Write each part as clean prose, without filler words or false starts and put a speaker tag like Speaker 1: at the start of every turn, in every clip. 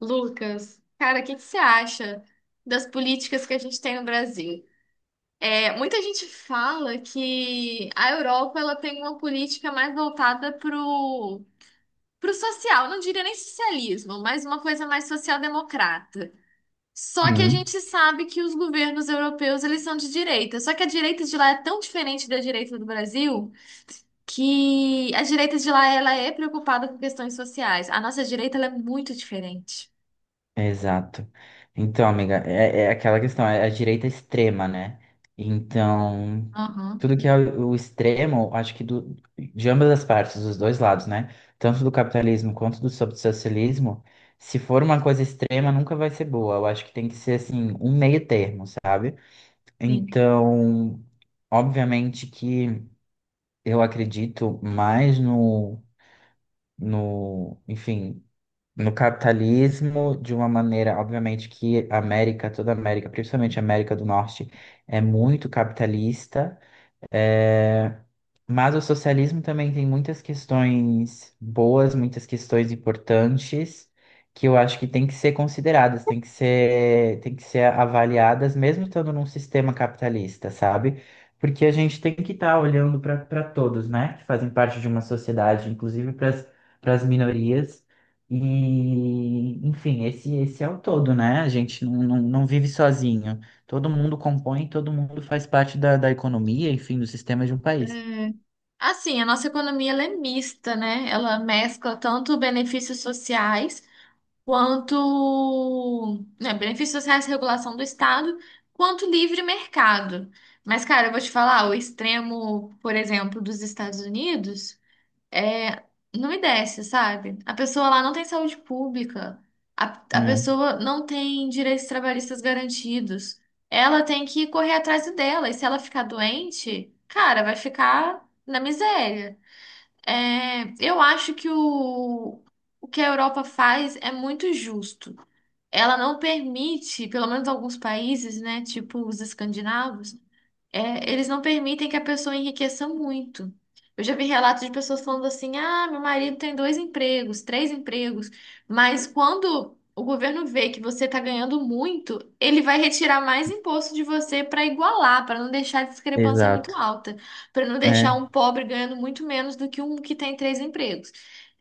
Speaker 1: Lucas, cara, o que você acha das políticas que a gente tem no Brasil? É, muita gente fala que a Europa ela tem uma política mais voltada pro social, não diria nem socialismo, mas uma coisa mais social-democrata. Só que a
Speaker 2: Uhum,
Speaker 1: gente sabe que os governos europeus eles são de direita. Só que a direita de lá é tão diferente da direita do Brasil que a direita de lá ela é preocupada com questões sociais. A nossa direita ela é muito diferente.
Speaker 2: exato. Então, amiga, é aquela questão, é a direita extrema, né? Então,
Speaker 1: Aham,
Speaker 2: tudo que é o extremo, acho que de ambas as partes, dos dois lados, né? Tanto do capitalismo quanto do socialismo, se for uma coisa extrema, nunca vai ser boa. Eu acho que tem que ser, assim, um meio termo, sabe?
Speaker 1: sim.
Speaker 2: Então, obviamente que eu acredito mais no, enfim. No capitalismo de uma maneira, obviamente que a América, toda a América, principalmente a América do Norte, é muito capitalista, eh, mas o socialismo também tem muitas questões boas, muitas questões importantes que eu acho que tem que ser consideradas, tem que ser avaliadas, mesmo estando num sistema capitalista, sabe? Porque a gente tem que estar olhando para todos, né? Que fazem parte de uma sociedade, inclusive para as minorias. E, enfim, esse é o todo, né? A gente não vive sozinho. Todo mundo compõe, todo mundo faz parte da economia, enfim, do sistema de um país.
Speaker 1: Assim, a nossa economia ela é mista, né? Ela mescla tanto benefícios sociais quanto, né, benefícios sociais, regulação do Estado, quanto livre mercado. Mas, cara, eu vou te falar, o extremo, por exemplo, dos Estados Unidos é, não me desce, sabe? A pessoa lá não tem saúde pública, a, a
Speaker 2: É,
Speaker 1: pessoa não tem direitos trabalhistas garantidos. Ela tem que correr atrás do dela, e se ela ficar doente, cara, vai ficar na miséria. É, eu acho que o que a Europa faz é muito justo. Ela não permite, pelo menos alguns países, né, tipo os escandinavos, é, eles não permitem que a pessoa enriqueça muito. Eu já vi relatos de pessoas falando assim: ah, meu marido tem dois empregos, três empregos, mas quando o governo vê que você está ganhando muito, ele vai retirar mais imposto de você para igualar, para não deixar a discrepância muito
Speaker 2: exato.
Speaker 1: alta, para não deixar
Speaker 2: É,
Speaker 1: um pobre ganhando muito menos do que um que tem três empregos.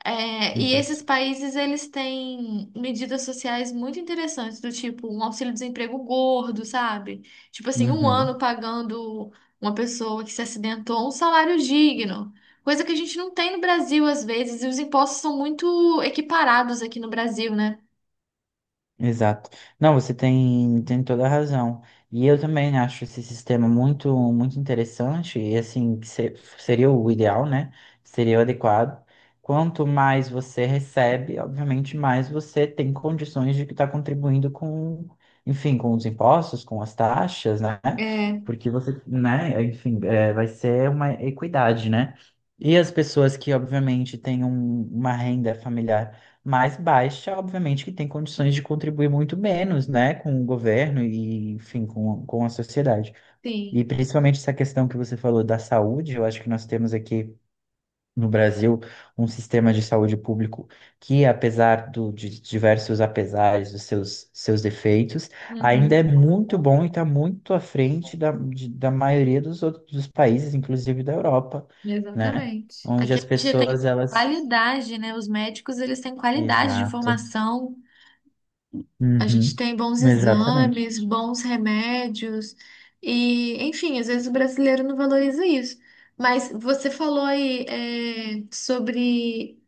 Speaker 1: É, e esses
Speaker 2: exato.
Speaker 1: países, eles têm medidas sociais muito interessantes, do tipo um auxílio-desemprego gordo, sabe? Tipo assim, um ano
Speaker 2: Uhum.
Speaker 1: pagando uma pessoa que se acidentou um salário digno. Coisa que a gente não tem no Brasil às vezes, e os impostos são muito equiparados aqui no Brasil, né?
Speaker 2: Exato. Não, você tem toda a razão. E eu também acho esse sistema muito, muito interessante e assim, que seria o ideal, né? Seria o adequado. Quanto mais você recebe, obviamente, mais você tem condições de estar contribuindo com, enfim, com os impostos, com as taxas, né?
Speaker 1: É,
Speaker 2: Porque você, né, enfim, vai ser uma equidade, né? E as pessoas que, obviamente, têm uma renda familiar mais baixa, obviamente, que tem condições de contribuir muito menos, né, com o governo e, enfim, com a sociedade. E
Speaker 1: sim.
Speaker 2: principalmente essa questão que você falou da saúde, eu acho que nós temos aqui no Brasil um sistema de saúde público que, de diversos apesares dos seus defeitos, ainda
Speaker 1: Uhum.
Speaker 2: é muito bom e está muito à frente da maioria dos outros dos países, inclusive da Europa, né,
Speaker 1: Exatamente.
Speaker 2: onde
Speaker 1: Aqui
Speaker 2: as
Speaker 1: a gente tem
Speaker 2: pessoas, elas.
Speaker 1: qualidade, né? Os médicos, eles têm qualidade de
Speaker 2: Exato.
Speaker 1: formação. A gente
Speaker 2: Uhum.
Speaker 1: tem bons
Speaker 2: Exatamente.
Speaker 1: exames, bons remédios e, enfim, às vezes o brasileiro não valoriza isso. Mas você falou aí, é, sobre,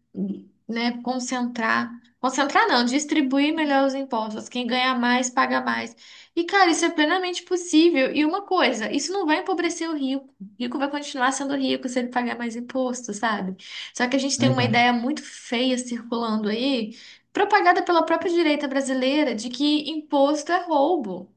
Speaker 1: né, concentrar não, distribuir melhor os impostos. Quem ganha mais, paga mais. E, cara, isso é plenamente possível. E uma coisa, isso não vai empobrecer o rico. O rico vai continuar sendo rico se ele pagar mais imposto, sabe? Só que a gente tem uma
Speaker 2: Exato.
Speaker 1: ideia muito feia circulando aí propagada pela própria direita brasileira de que imposto é roubo.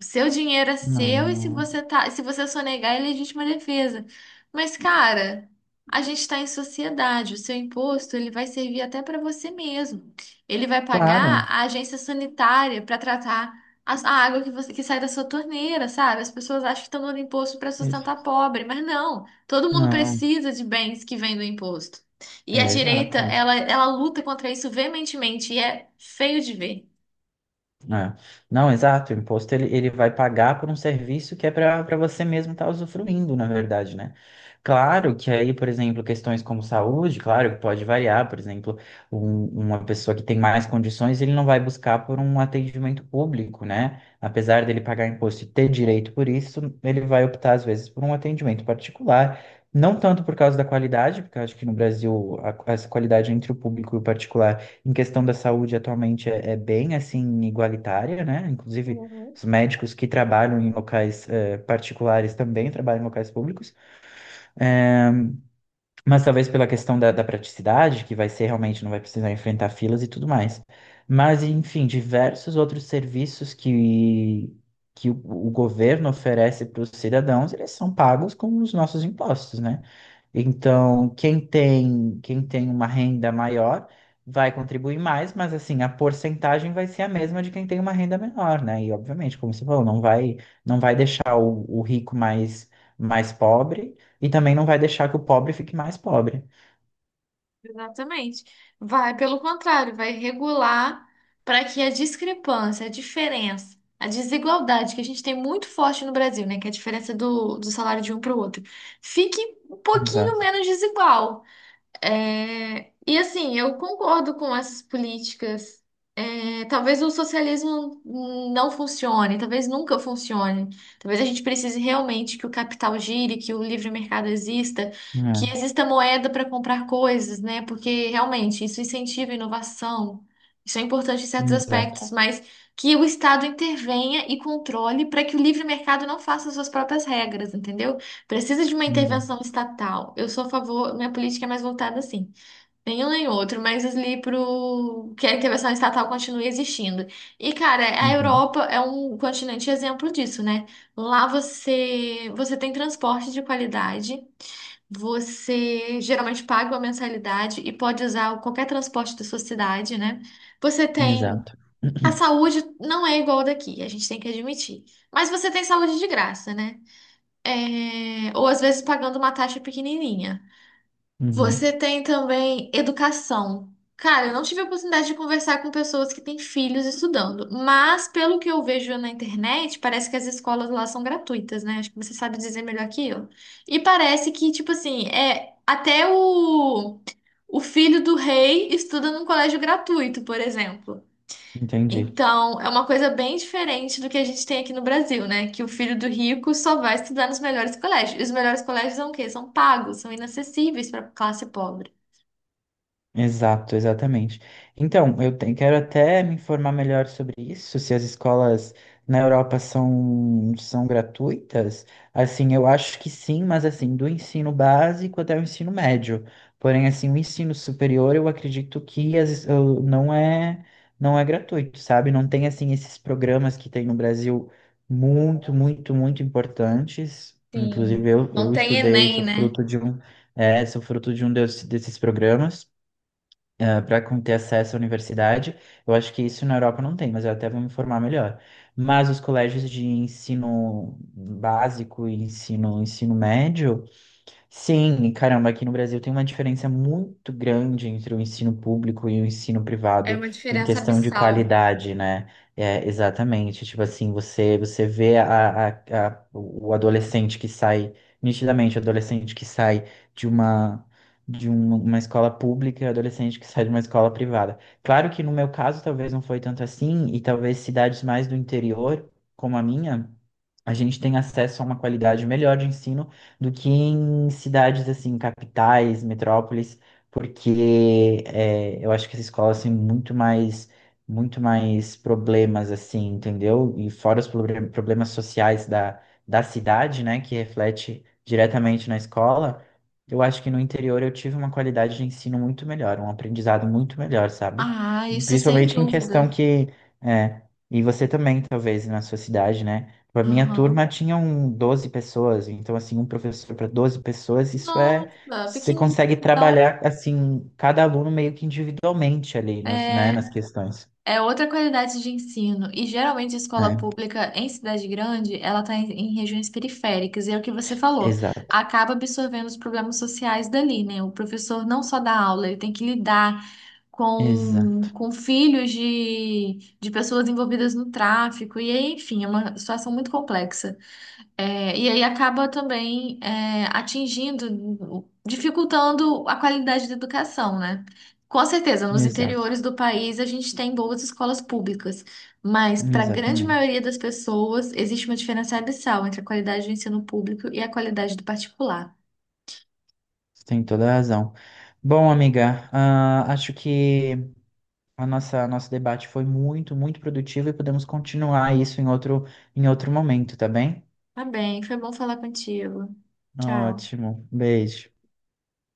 Speaker 1: O seu dinheiro é
Speaker 2: Não,
Speaker 1: seu e se
Speaker 2: não. É.
Speaker 1: você tá, se você sonegar, é legítima defesa. Mas, cara, a gente está em sociedade, o seu imposto ele vai servir até para você mesmo. Ele vai pagar
Speaker 2: Claro.
Speaker 1: a agência sanitária para tratar a água que você que sai da sua torneira, sabe? As pessoas acham que estão dando imposto para
Speaker 2: Isso.
Speaker 1: sustentar pobre, mas não. Todo mundo
Speaker 2: Não.
Speaker 1: precisa de bens que vêm do imposto. E
Speaker 2: É,
Speaker 1: a direita,
Speaker 2: exato.
Speaker 1: ela luta contra isso veementemente e é feio de ver.
Speaker 2: É. Não, exato. O imposto ele vai pagar por um serviço que é para você mesmo estar usufruindo, na verdade, né? Claro que aí, por exemplo, questões como saúde, claro que pode variar. Por exemplo, uma pessoa que tem mais condições, ele não vai buscar por um atendimento público, né? Apesar dele pagar imposto e ter direito por isso, ele vai optar, às vezes, por um atendimento particular. Não tanto por causa da qualidade, porque eu acho que no Brasil essa qualidade entre o público e o particular em questão da saúde atualmente é bem assim igualitária, né? Inclusive
Speaker 1: Uhum.
Speaker 2: os médicos que trabalham em locais particulares também trabalham em locais públicos, mas talvez pela questão da praticidade, que vai ser realmente não vai precisar enfrentar filas e tudo mais. Mas enfim, diversos outros serviços que o governo oferece para os cidadãos, eles são pagos com os nossos impostos, né? Então, quem tem uma renda maior vai contribuir mais, mas assim, a porcentagem vai ser a mesma de quem tem uma renda menor, né? E obviamente, como você falou, não vai deixar o rico mais, mais pobre e também não vai deixar que o pobre fique mais pobre.
Speaker 1: Exatamente. Vai, pelo contrário, vai regular para que a discrepância, a diferença, a desigualdade que a gente tem muito forte no Brasil, né, que é a diferença do salário de um para o outro, fique um pouquinho
Speaker 2: Exato.
Speaker 1: menos desigual. É, e assim, eu concordo com essas políticas. É, talvez o socialismo não funcione, talvez nunca funcione. Talvez a gente precise realmente que o capital gire, que o livre mercado exista, que
Speaker 2: É,
Speaker 1: exista moeda para comprar coisas, né? Porque realmente isso incentiva a inovação. Isso é importante em certos
Speaker 2: exato,
Speaker 1: aspectos, mas que o Estado intervenha e controle para que o livre mercado não faça suas próprias regras, entendeu? Precisa de uma
Speaker 2: exato.
Speaker 1: intervenção estatal. Eu sou a favor, minha política é mais voltada assim. Nenhum nem outro, mas ali pro que a intervenção estatal continue existindo. E, cara, a
Speaker 2: Uhum,
Speaker 1: Europa é um continente exemplo disso, né? Lá você, você tem transporte de qualidade, você geralmente paga uma mensalidade e pode usar qualquer transporte da sua cidade, né? Você tem.
Speaker 2: exato.
Speaker 1: A saúde não é igual daqui, a gente tem que admitir. Mas você tem saúde de graça, né? É, ou às vezes pagando uma taxa pequenininha.
Speaker 2: Uhum,
Speaker 1: Você tem também educação. Cara, eu não tive a oportunidade de conversar com pessoas que têm filhos estudando, mas pelo que eu vejo na internet, parece que as escolas lá são gratuitas, né? Acho que você sabe dizer melhor que eu. E parece que, tipo assim, é até o filho do rei estuda num colégio gratuito, por exemplo.
Speaker 2: entendi.
Speaker 1: Então, é uma coisa bem diferente do que a gente tem aqui no Brasil, né? Que o filho do rico só vai estudar nos melhores colégios. E os melhores colégios são o quê? São pagos, são inacessíveis para a classe pobre.
Speaker 2: Exato, exatamente. Então, quero até me informar melhor sobre isso, se as escolas na Europa são gratuitas. Assim, eu acho que sim, mas assim, do ensino básico até o ensino médio. Porém, assim, o ensino superior, eu acredito que as, es- eu- não é, não é gratuito, sabe? Não tem, assim, esses programas que tem no Brasil muito, muito, muito importantes. Inclusive,
Speaker 1: Sim.
Speaker 2: eu,
Speaker 1: Não
Speaker 2: eu
Speaker 1: tem
Speaker 2: estudei,
Speaker 1: Enem, né?
Speaker 2: sou fruto de um desses programas para ter acesso à universidade. Eu acho que isso na Europa não tem, mas eu até vou me informar melhor. Mas os colégios de ensino básico e ensino médio. Sim, e caramba, aqui no Brasil tem uma diferença muito grande entre o ensino público e o ensino
Speaker 1: É
Speaker 2: privado
Speaker 1: uma
Speaker 2: em
Speaker 1: diferença
Speaker 2: questão de
Speaker 1: abissal.
Speaker 2: qualidade, né? É, exatamente. Tipo assim, você vê o adolescente que sai, nitidamente, o adolescente que sai de uma, de um- uma escola pública e o adolescente que sai de uma escola privada. Claro que no meu caso talvez não foi tanto assim, e talvez cidades mais do interior, como a minha, a gente tem acesso a uma qualidade melhor de ensino do que em cidades assim, capitais, metrópoles, porque eu acho que as escolas têm muito mais problemas assim, entendeu? E fora os problemas sociais da cidade, né, que reflete diretamente na escola, eu acho que no interior eu tive uma qualidade de ensino muito melhor, um aprendizado muito melhor, sabe?
Speaker 1: Ah, isso sem
Speaker 2: Principalmente em questão
Speaker 1: dúvida.
Speaker 2: que é, e você também, talvez, na sua cidade, né? A minha turma
Speaker 1: Aham.
Speaker 2: tinha 12 pessoas, então, assim, um professor para 12 pessoas, isso é.
Speaker 1: Nossa,
Speaker 2: Você
Speaker 1: pequenininho.
Speaker 2: consegue
Speaker 1: Então,
Speaker 2: trabalhar, assim, cada aluno meio que individualmente ali, né,
Speaker 1: é.
Speaker 2: nas questões.
Speaker 1: É outra qualidade de ensino. E geralmente a escola
Speaker 2: É,
Speaker 1: pública em cidade grande, ela está em regiões periféricas. E é o que você falou,
Speaker 2: exato,
Speaker 1: acaba absorvendo os problemas sociais dali, né? O professor não só dá aula, ele tem que lidar
Speaker 2: exa,
Speaker 1: com filhos de pessoas envolvidas no tráfico. E aí, enfim, é uma situação muito complexa. É, e aí acaba também é, atingindo, dificultando a qualidade da educação, né? Com certeza, nos
Speaker 2: exato,
Speaker 1: interiores do país a gente tem boas escolas públicas, mas para a grande
Speaker 2: exatamente.
Speaker 1: maioria das pessoas existe uma diferença abissal entre a qualidade do ensino público e a qualidade do particular.
Speaker 2: Você tem toda a razão. Bom, amiga, acho que a nossa nosso debate foi muito, muito produtivo e podemos continuar isso em outro momento, tá bem?
Speaker 1: Tá bem, foi bom falar contigo. Tchau.
Speaker 2: Ótimo, beijo.